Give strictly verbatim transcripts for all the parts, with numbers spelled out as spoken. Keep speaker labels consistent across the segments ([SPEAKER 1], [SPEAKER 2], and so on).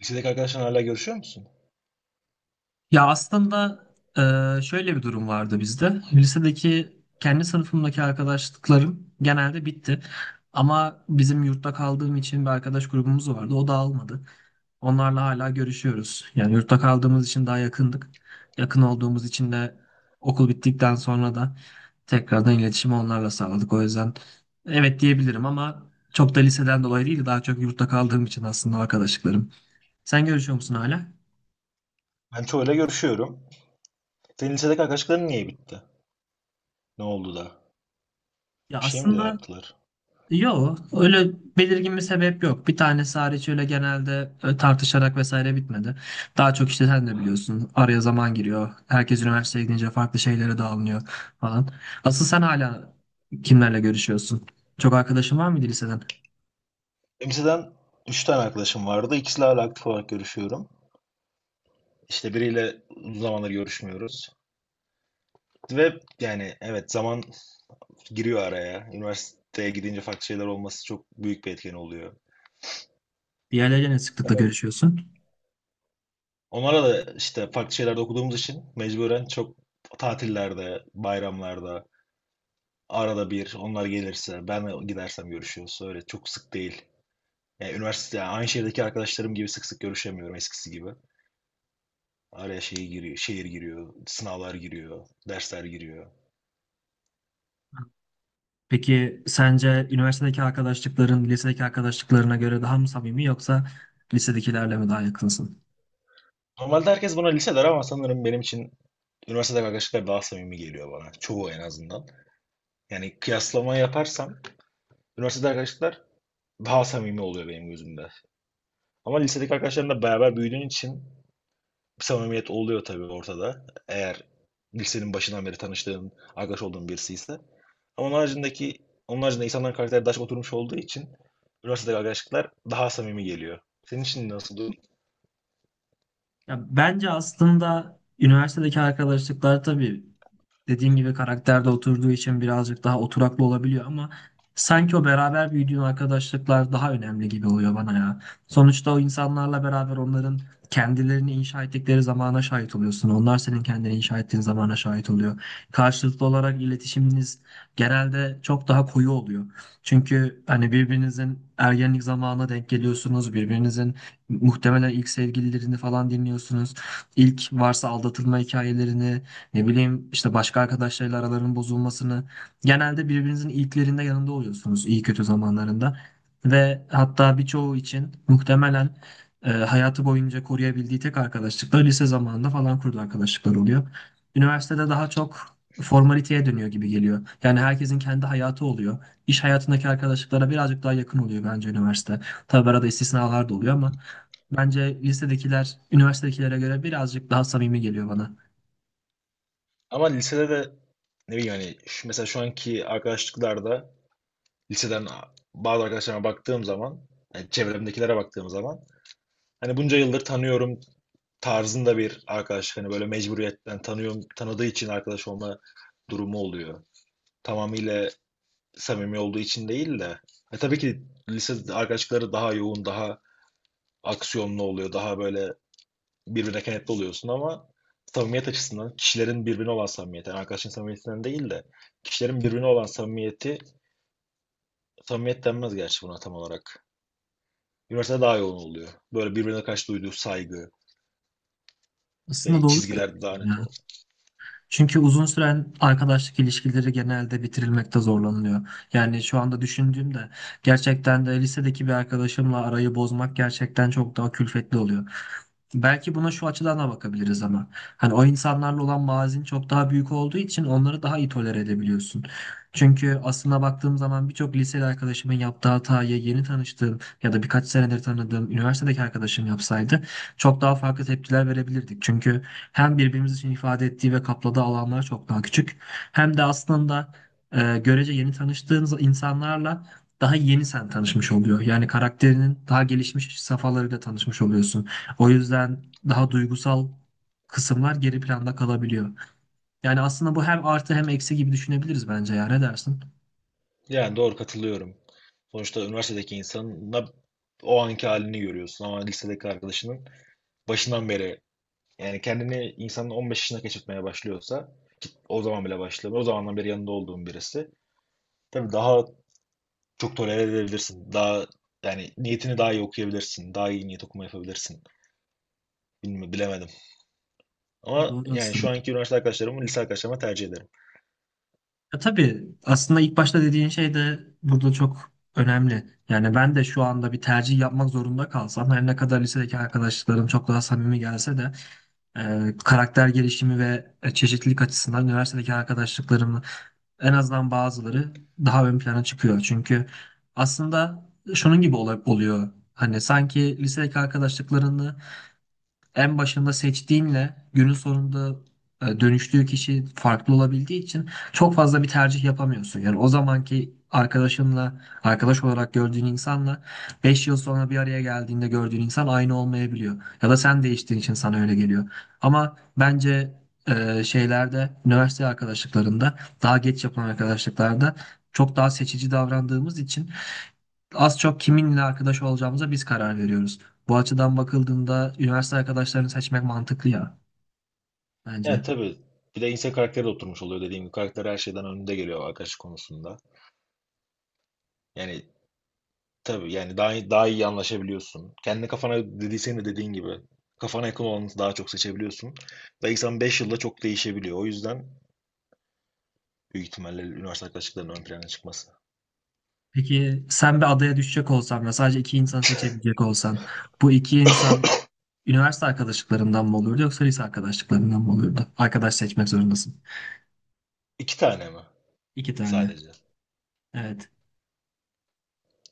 [SPEAKER 1] Lisedeki arkadaşlarla hala görüşüyor musun?
[SPEAKER 2] Ya aslında e, şöyle bir durum vardı bizde. Lisedeki kendi sınıfımdaki arkadaşlıklarım genelde bitti. Ama bizim yurtta kaldığım için bir arkadaş grubumuz vardı. O dağılmadı. Onlarla hala görüşüyoruz. Yani yurtta kaldığımız için daha yakındık. Yakın olduğumuz için de okul bittikten sonra da tekrardan iletişimi onlarla sağladık. O yüzden evet diyebilirim ama çok da liseden dolayı değil, daha çok yurtta kaldığım için aslında arkadaşlıklarım. Sen görüşüyor musun hala?
[SPEAKER 1] Ben çoğuyla görüşüyorum. Senin lisedeki arkadaşların niye bitti? Ne oldu da?
[SPEAKER 2] Ya
[SPEAKER 1] Bir şey mi de
[SPEAKER 2] aslında
[SPEAKER 1] yaptılar?
[SPEAKER 2] yok, öyle belirgin bir sebep yok. Bir tanesi hariç öyle genelde e, tartışarak vesaire bitmedi. Daha çok işte sen de biliyorsun. Araya zaman giriyor. Herkes üniversiteye gidince farklı şeylere dağılıyor falan. Asıl sen hala kimlerle görüşüyorsun? Çok arkadaşın var mıydı liseden?
[SPEAKER 1] Benim liseden üç tane arkadaşım vardı. İkisiyle hala aktif olarak görüşüyorum. İşte biriyle uzun zamandır görüşmüyoruz. Ve yani evet zaman giriyor araya. Üniversiteye gidince farklı şeyler olması çok büyük bir etken oluyor.
[SPEAKER 2] Diğerleriyle ne sıklıkla görüşüyorsun?
[SPEAKER 1] Onlara da işte farklı şeylerde okuduğumuz için mecburen çok tatillerde, bayramlarda, arada bir onlar gelirse, ben gidersem görüşüyoruz. Öyle çok sık değil. Yani üniversite yani aynı şehirdeki arkadaşlarım gibi sık sık görüşemiyorum eskisi gibi. Araya şey giriyor, şehir giriyor, sınavlar giriyor, dersler giriyor.
[SPEAKER 2] Peki sence üniversitedeki arkadaşlıkların lisedeki arkadaşlıklarına göre daha mı samimi yoksa lisedekilerle mi daha yakınsın?
[SPEAKER 1] Normalde herkes buna lise der ama sanırım benim için üniversitede arkadaşlıklar daha samimi geliyor bana. Çoğu en azından. Yani kıyaslama yaparsam üniversitede arkadaşlıklar daha samimi oluyor benim gözümde. Ama lisedeki arkadaşlarımla beraber büyüdüğün için bir samimiyet oluyor tabii ortada. Eğer lisenin başından beri tanıştığın, arkadaş olduğun birisi ise. Ama onun haricindeki, onun haricinde insanların karakteri daha çok oturmuş olduğu için üniversitedeki arkadaşlıklar daha samimi geliyor. Senin için nasıl durum?
[SPEAKER 2] Ya bence aslında üniversitedeki arkadaşlıklar tabii dediğim gibi karakterde oturduğu için birazcık daha oturaklı olabiliyor ama sanki o beraber büyüdüğün arkadaşlıklar daha önemli gibi oluyor bana ya. Sonuçta o insanlarla beraber onların kendilerini inşa ettikleri zamana şahit oluyorsun. Onlar senin kendini inşa ettiğin zamana şahit oluyor. Karşılıklı olarak iletişiminiz genelde çok daha koyu oluyor. Çünkü hani birbirinizin ergenlik zamanına denk geliyorsunuz, birbirinizin muhtemelen ilk sevgililerini falan dinliyorsunuz. İlk varsa aldatılma hikayelerini, ne bileyim işte başka arkadaşlarıyla aralarının bozulmasını. Genelde birbirinizin ilklerinde yanında oluyorsunuz iyi kötü zamanlarında. Ve hatta birçoğu için muhtemelen e, hayatı boyunca koruyabildiği tek arkadaşlıklar lise zamanında falan kurduğu arkadaşlıklar oluyor. Üniversitede daha çok formaliteye dönüyor gibi geliyor. Yani herkesin kendi hayatı oluyor. İş hayatındaki arkadaşlıklara birazcık daha yakın oluyor bence üniversite. Tabii arada istisnalar da oluyor ama bence lisedekiler üniversitedekilere göre birazcık daha samimi geliyor bana.
[SPEAKER 1] Ama lisede de ne bileyim hani şu, mesela şu anki arkadaşlıklarda liseden bazı arkadaşlarıma baktığım zaman, yani çevremdekilere baktığım zaman hani bunca yıldır tanıyorum tarzında bir arkadaş hani böyle mecburiyetten tanıyorum tanıdığı için arkadaş olma durumu oluyor. Tamamıyla samimi olduğu için değil de. E tabii ki lise arkadaşlıkları daha yoğun, daha aksiyonlu oluyor, daha böyle birbirine kenetli oluyorsun ama samimiyet açısından kişilerin birbirine olan samimiyeti, yani arkadaşın samimiyetinden değil de kişilerin birbirine olan samimiyeti, samimiyet denmez gerçi buna tam olarak. Üniversitede daha yoğun oluyor. Böyle birbirine karşı duyduğu saygı,
[SPEAKER 2] Aslında
[SPEAKER 1] şey,
[SPEAKER 2] doğru
[SPEAKER 1] çizgiler
[SPEAKER 2] söylüyorsun
[SPEAKER 1] daha net
[SPEAKER 2] ya.
[SPEAKER 1] oluyor.
[SPEAKER 2] Çünkü uzun süren arkadaşlık ilişkileri genelde bitirilmekte zorlanılıyor. Yani şu anda düşündüğümde gerçekten de lisedeki bir arkadaşımla arayı bozmak gerçekten çok daha külfetli oluyor. Belki buna şu açıdan da bakabiliriz ama. Hani o insanlarla olan bağın çok daha büyük olduğu için onları daha iyi tolere edebiliyorsun. Çünkü aslına baktığım zaman birçok liseli arkadaşımın yaptığı hatayı yeni tanıştığım ya da birkaç senedir tanıdığım üniversitedeki arkadaşım yapsaydı çok daha farklı tepkiler verebilirdik. Çünkü hem birbirimiz için ifade ettiği ve kapladığı alanlar çok daha küçük hem de aslında e, görece yeni tanıştığınız insanlarla daha yeni sen tanışmış oluyor. Yani karakterinin daha gelişmiş safhalarıyla tanışmış oluyorsun. O yüzden daha duygusal kısımlar geri planda kalabiliyor. Yani aslında bu hem artı hem eksi gibi düşünebiliriz bence ya. Ne dersin?
[SPEAKER 1] Yani doğru katılıyorum. Sonuçta üniversitedeki insanın o anki halini görüyorsun ama lisedeki arkadaşının başından beri. Yani kendini insanın on beş yaşına keşfetmeye başlıyorsa ki o zaman bile başlamıyor. O zamandan beri yanında olduğun birisi. Tabii daha çok tolere edebilirsin. Daha yani niyetini daha iyi okuyabilirsin. Daha iyi niyet okuma yapabilirsin. Bilmiyorum, bilemedim. Ama
[SPEAKER 2] Doğru
[SPEAKER 1] yani şu
[SPEAKER 2] aslında.
[SPEAKER 1] anki üniversite arkadaşlarımı lise arkadaşlarıma tercih ederim.
[SPEAKER 2] Ya tabii aslında ilk başta dediğin şey de burada çok önemli. Yani ben de şu anda bir tercih yapmak zorunda kalsam her ne kadar lisedeki arkadaşlarım çok daha samimi gelse de e, karakter gelişimi ve e, çeşitlilik açısından üniversitedeki arkadaşlıklarımı en azından bazıları daha ön plana çıkıyor. Çünkü aslında şunun gibi ola- oluyor. Hani sanki lisedeki arkadaşlıklarını en başında seçtiğinle günün sonunda e, dönüştüğü kişi farklı olabildiği için çok fazla bir tercih yapamıyorsun. Yani o zamanki arkadaşınla, arkadaş olarak gördüğün insanla beş yıl sonra bir araya geldiğinde gördüğün insan aynı olmayabiliyor. Ya da sen değiştiğin için sana öyle geliyor. Ama bence e, şeylerde, üniversite arkadaşlıklarında, daha geç yapılan arkadaşlıklarda çok daha seçici davrandığımız için az çok kiminle arkadaş olacağımıza biz karar veriyoruz. Bu açıdan bakıldığında üniversite arkadaşlarını seçmek mantıklı ya
[SPEAKER 1] Ya
[SPEAKER 2] bence.
[SPEAKER 1] tabii bir de insan karakteri de oturmuş oluyor dediğim gibi. Karakter her şeyden önünde geliyor arkadaş konusunda. Yani tabii yani daha daha iyi anlaşabiliyorsun. Kendi kafana dedi de dediğin gibi kafana yakın olanı daha çok seçebiliyorsun. Belki sen beş yılda çok değişebiliyor. O yüzden büyük ihtimalle üniversite arkadaşlıklarının ön plana çıkması.
[SPEAKER 2] Peki sen bir adaya düşecek olsan ve sadece iki insan seçebilecek olsan bu iki insan üniversite arkadaşlıklarından mı olurdu yoksa lise arkadaşlıklarından mı olurdu? Arkadaş seçmek zorundasın.
[SPEAKER 1] İki tane mi
[SPEAKER 2] İki tane.
[SPEAKER 1] sadece?
[SPEAKER 2] Evet.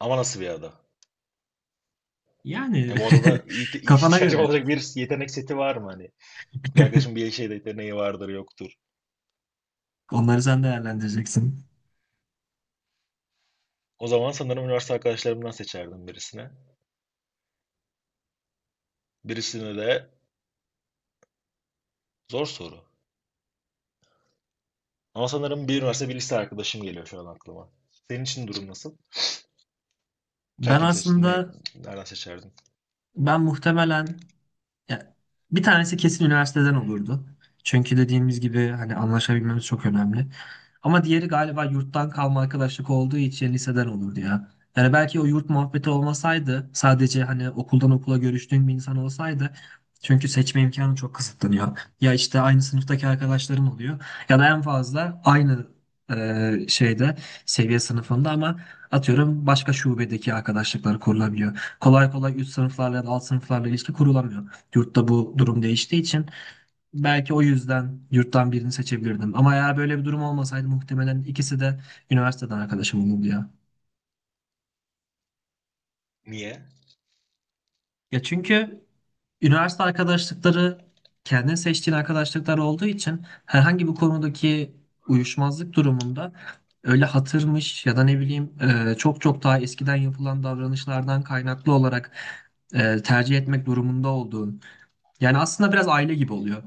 [SPEAKER 1] Ama nasıl bir ada?
[SPEAKER 2] Yani
[SPEAKER 1] Yani bu adada ihti-
[SPEAKER 2] kafana
[SPEAKER 1] ihtiyacım
[SPEAKER 2] göre.
[SPEAKER 1] olacak bir yetenek seti var mı hani? Bir arkadaşım bir şeyde yeteneği vardır yoktur.
[SPEAKER 2] Onları sen değerlendireceksin.
[SPEAKER 1] O zaman sanırım üniversite arkadaşlarımdan seçerdim birisine. Birisine de zor soru. Ama sanırım bir üniversite bir lise arkadaşım geliyor şu an aklıma. Senin için durum nasıl? Sen
[SPEAKER 2] Ben
[SPEAKER 1] kimi seçtin? Ne,
[SPEAKER 2] aslında
[SPEAKER 1] nereden seçerdin?
[SPEAKER 2] ben muhtemelen ya, bir tanesi kesin üniversiteden olurdu. Çünkü dediğimiz gibi hani anlaşabilmemiz çok önemli. Ama diğeri galiba yurttan kalma arkadaşlık olduğu için liseden olurdu ya. Yani belki o yurt muhabbeti olmasaydı sadece hani okuldan okula görüştüğün bir insan olsaydı çünkü seçme imkanı çok kısıtlanıyor. Ya işte aynı sınıftaki arkadaşların oluyor ya da en fazla aynı e, şeyde seviye sınıfında ama atıyorum başka şubedeki arkadaşlıklar kurulabiliyor. Kolay kolay üst sınıflarla ya da alt sınıflarla ilişki kurulamıyor. Yurtta bu durum değiştiği için belki o yüzden yurttan birini seçebilirdim. Ama eğer böyle bir durum olmasaydı muhtemelen ikisi de üniversiteden arkadaşım olurdu ya.
[SPEAKER 1] Niye?
[SPEAKER 2] Ya çünkü üniversite arkadaşlıkları kendin seçtiğin arkadaşlıklar olduğu için herhangi bir konudaki uyuşmazlık durumunda öyle hatırmış ya da ne bileyim e, çok çok daha eskiden yapılan davranışlardan kaynaklı olarak e, tercih etmek durumunda olduğun. Yani aslında biraz aile gibi oluyor.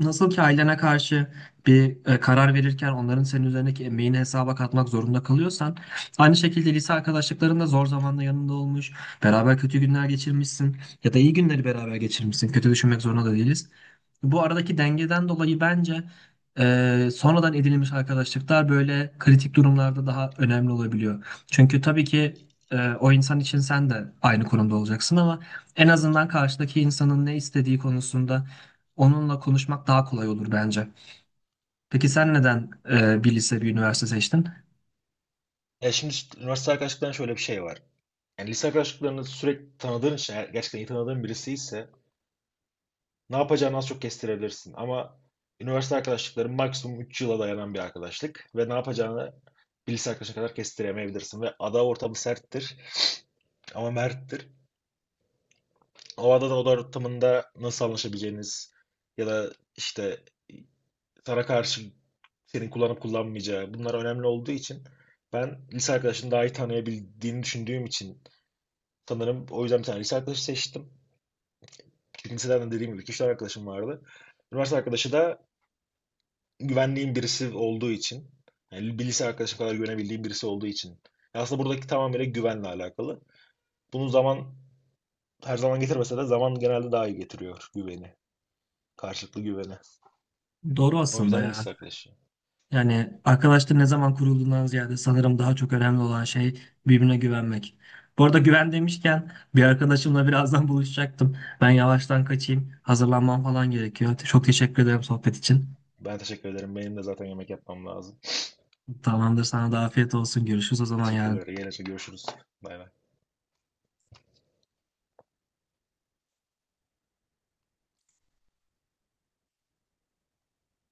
[SPEAKER 2] Nasıl ki ailene karşı bir e, karar verirken onların senin üzerindeki emeğini hesaba katmak zorunda kalıyorsan, aynı şekilde lise arkadaşlıkların da zor zamanda yanında olmuş, beraber kötü günler geçirmişsin ya da iyi günleri beraber geçirmişsin. Kötü düşünmek zorunda da değiliz. Bu aradaki dengeden dolayı bence e, sonradan edinilmiş arkadaşlıklar böyle kritik durumlarda daha önemli olabiliyor. Çünkü tabii ki e, o insan için sen de aynı konumda olacaksın ama en azından karşıdaki insanın ne istediği konusunda onunla konuşmak daha kolay olur bence. Peki sen neden e, bir lise bir üniversite seçtin?
[SPEAKER 1] Ya şimdi işte üniversite arkadaşlıklarında şöyle bir şey var. Yani lise arkadaşlıklarını sürekli tanıdığın için, eğer gerçekten iyi tanıdığın birisi ise ne yapacağını az çok kestirebilirsin. Ama üniversite arkadaşlıkları maksimum üç yıla dayanan bir arkadaşlık ve ne yapacağını bir lise arkadaşına kadar kestiremeyebilirsin. Ve ada ortamı serttir ama merttir. O ada da oda ortamında nasıl anlaşabileceğiniz ya da işte sana karşı senin kullanıp kullanmayacağı bunlar önemli olduğu için ben lise arkadaşını daha iyi tanıyabildiğini düşündüğüm için sanırım o yüzden bir tane lise arkadaşı seçtim. Çünkü liseden de dediğim gibi iki üç tane arkadaşım vardı. Üniversite arkadaşı da güvendiğim birisi olduğu için yani bir lise arkadaşım kadar güvenebildiğim birisi olduğu için. Aslında buradaki tamamıyla güvenle alakalı. Bunu zaman her zaman getirmese de zaman genelde daha iyi getiriyor güveni. Karşılıklı güveni.
[SPEAKER 2] Doğru
[SPEAKER 1] O
[SPEAKER 2] aslında
[SPEAKER 1] yüzden
[SPEAKER 2] ya.
[SPEAKER 1] lise arkadaşı.
[SPEAKER 2] Yani arkadaşların ne zaman kurulduğundan ziyade sanırım daha çok önemli olan şey birbirine güvenmek. Bu arada güven demişken bir arkadaşımla birazdan buluşacaktım. Ben yavaştan kaçayım. Hazırlanmam falan gerekiyor. Çok teşekkür ederim sohbet için.
[SPEAKER 1] Ben teşekkür ederim. Benim de zaten yemek yapmam lazım.
[SPEAKER 2] Tamamdır, sana da afiyet olsun. Görüşürüz o zaman
[SPEAKER 1] Teşekkürler.
[SPEAKER 2] yarın.
[SPEAKER 1] Yine görüşürüz. Bay bay.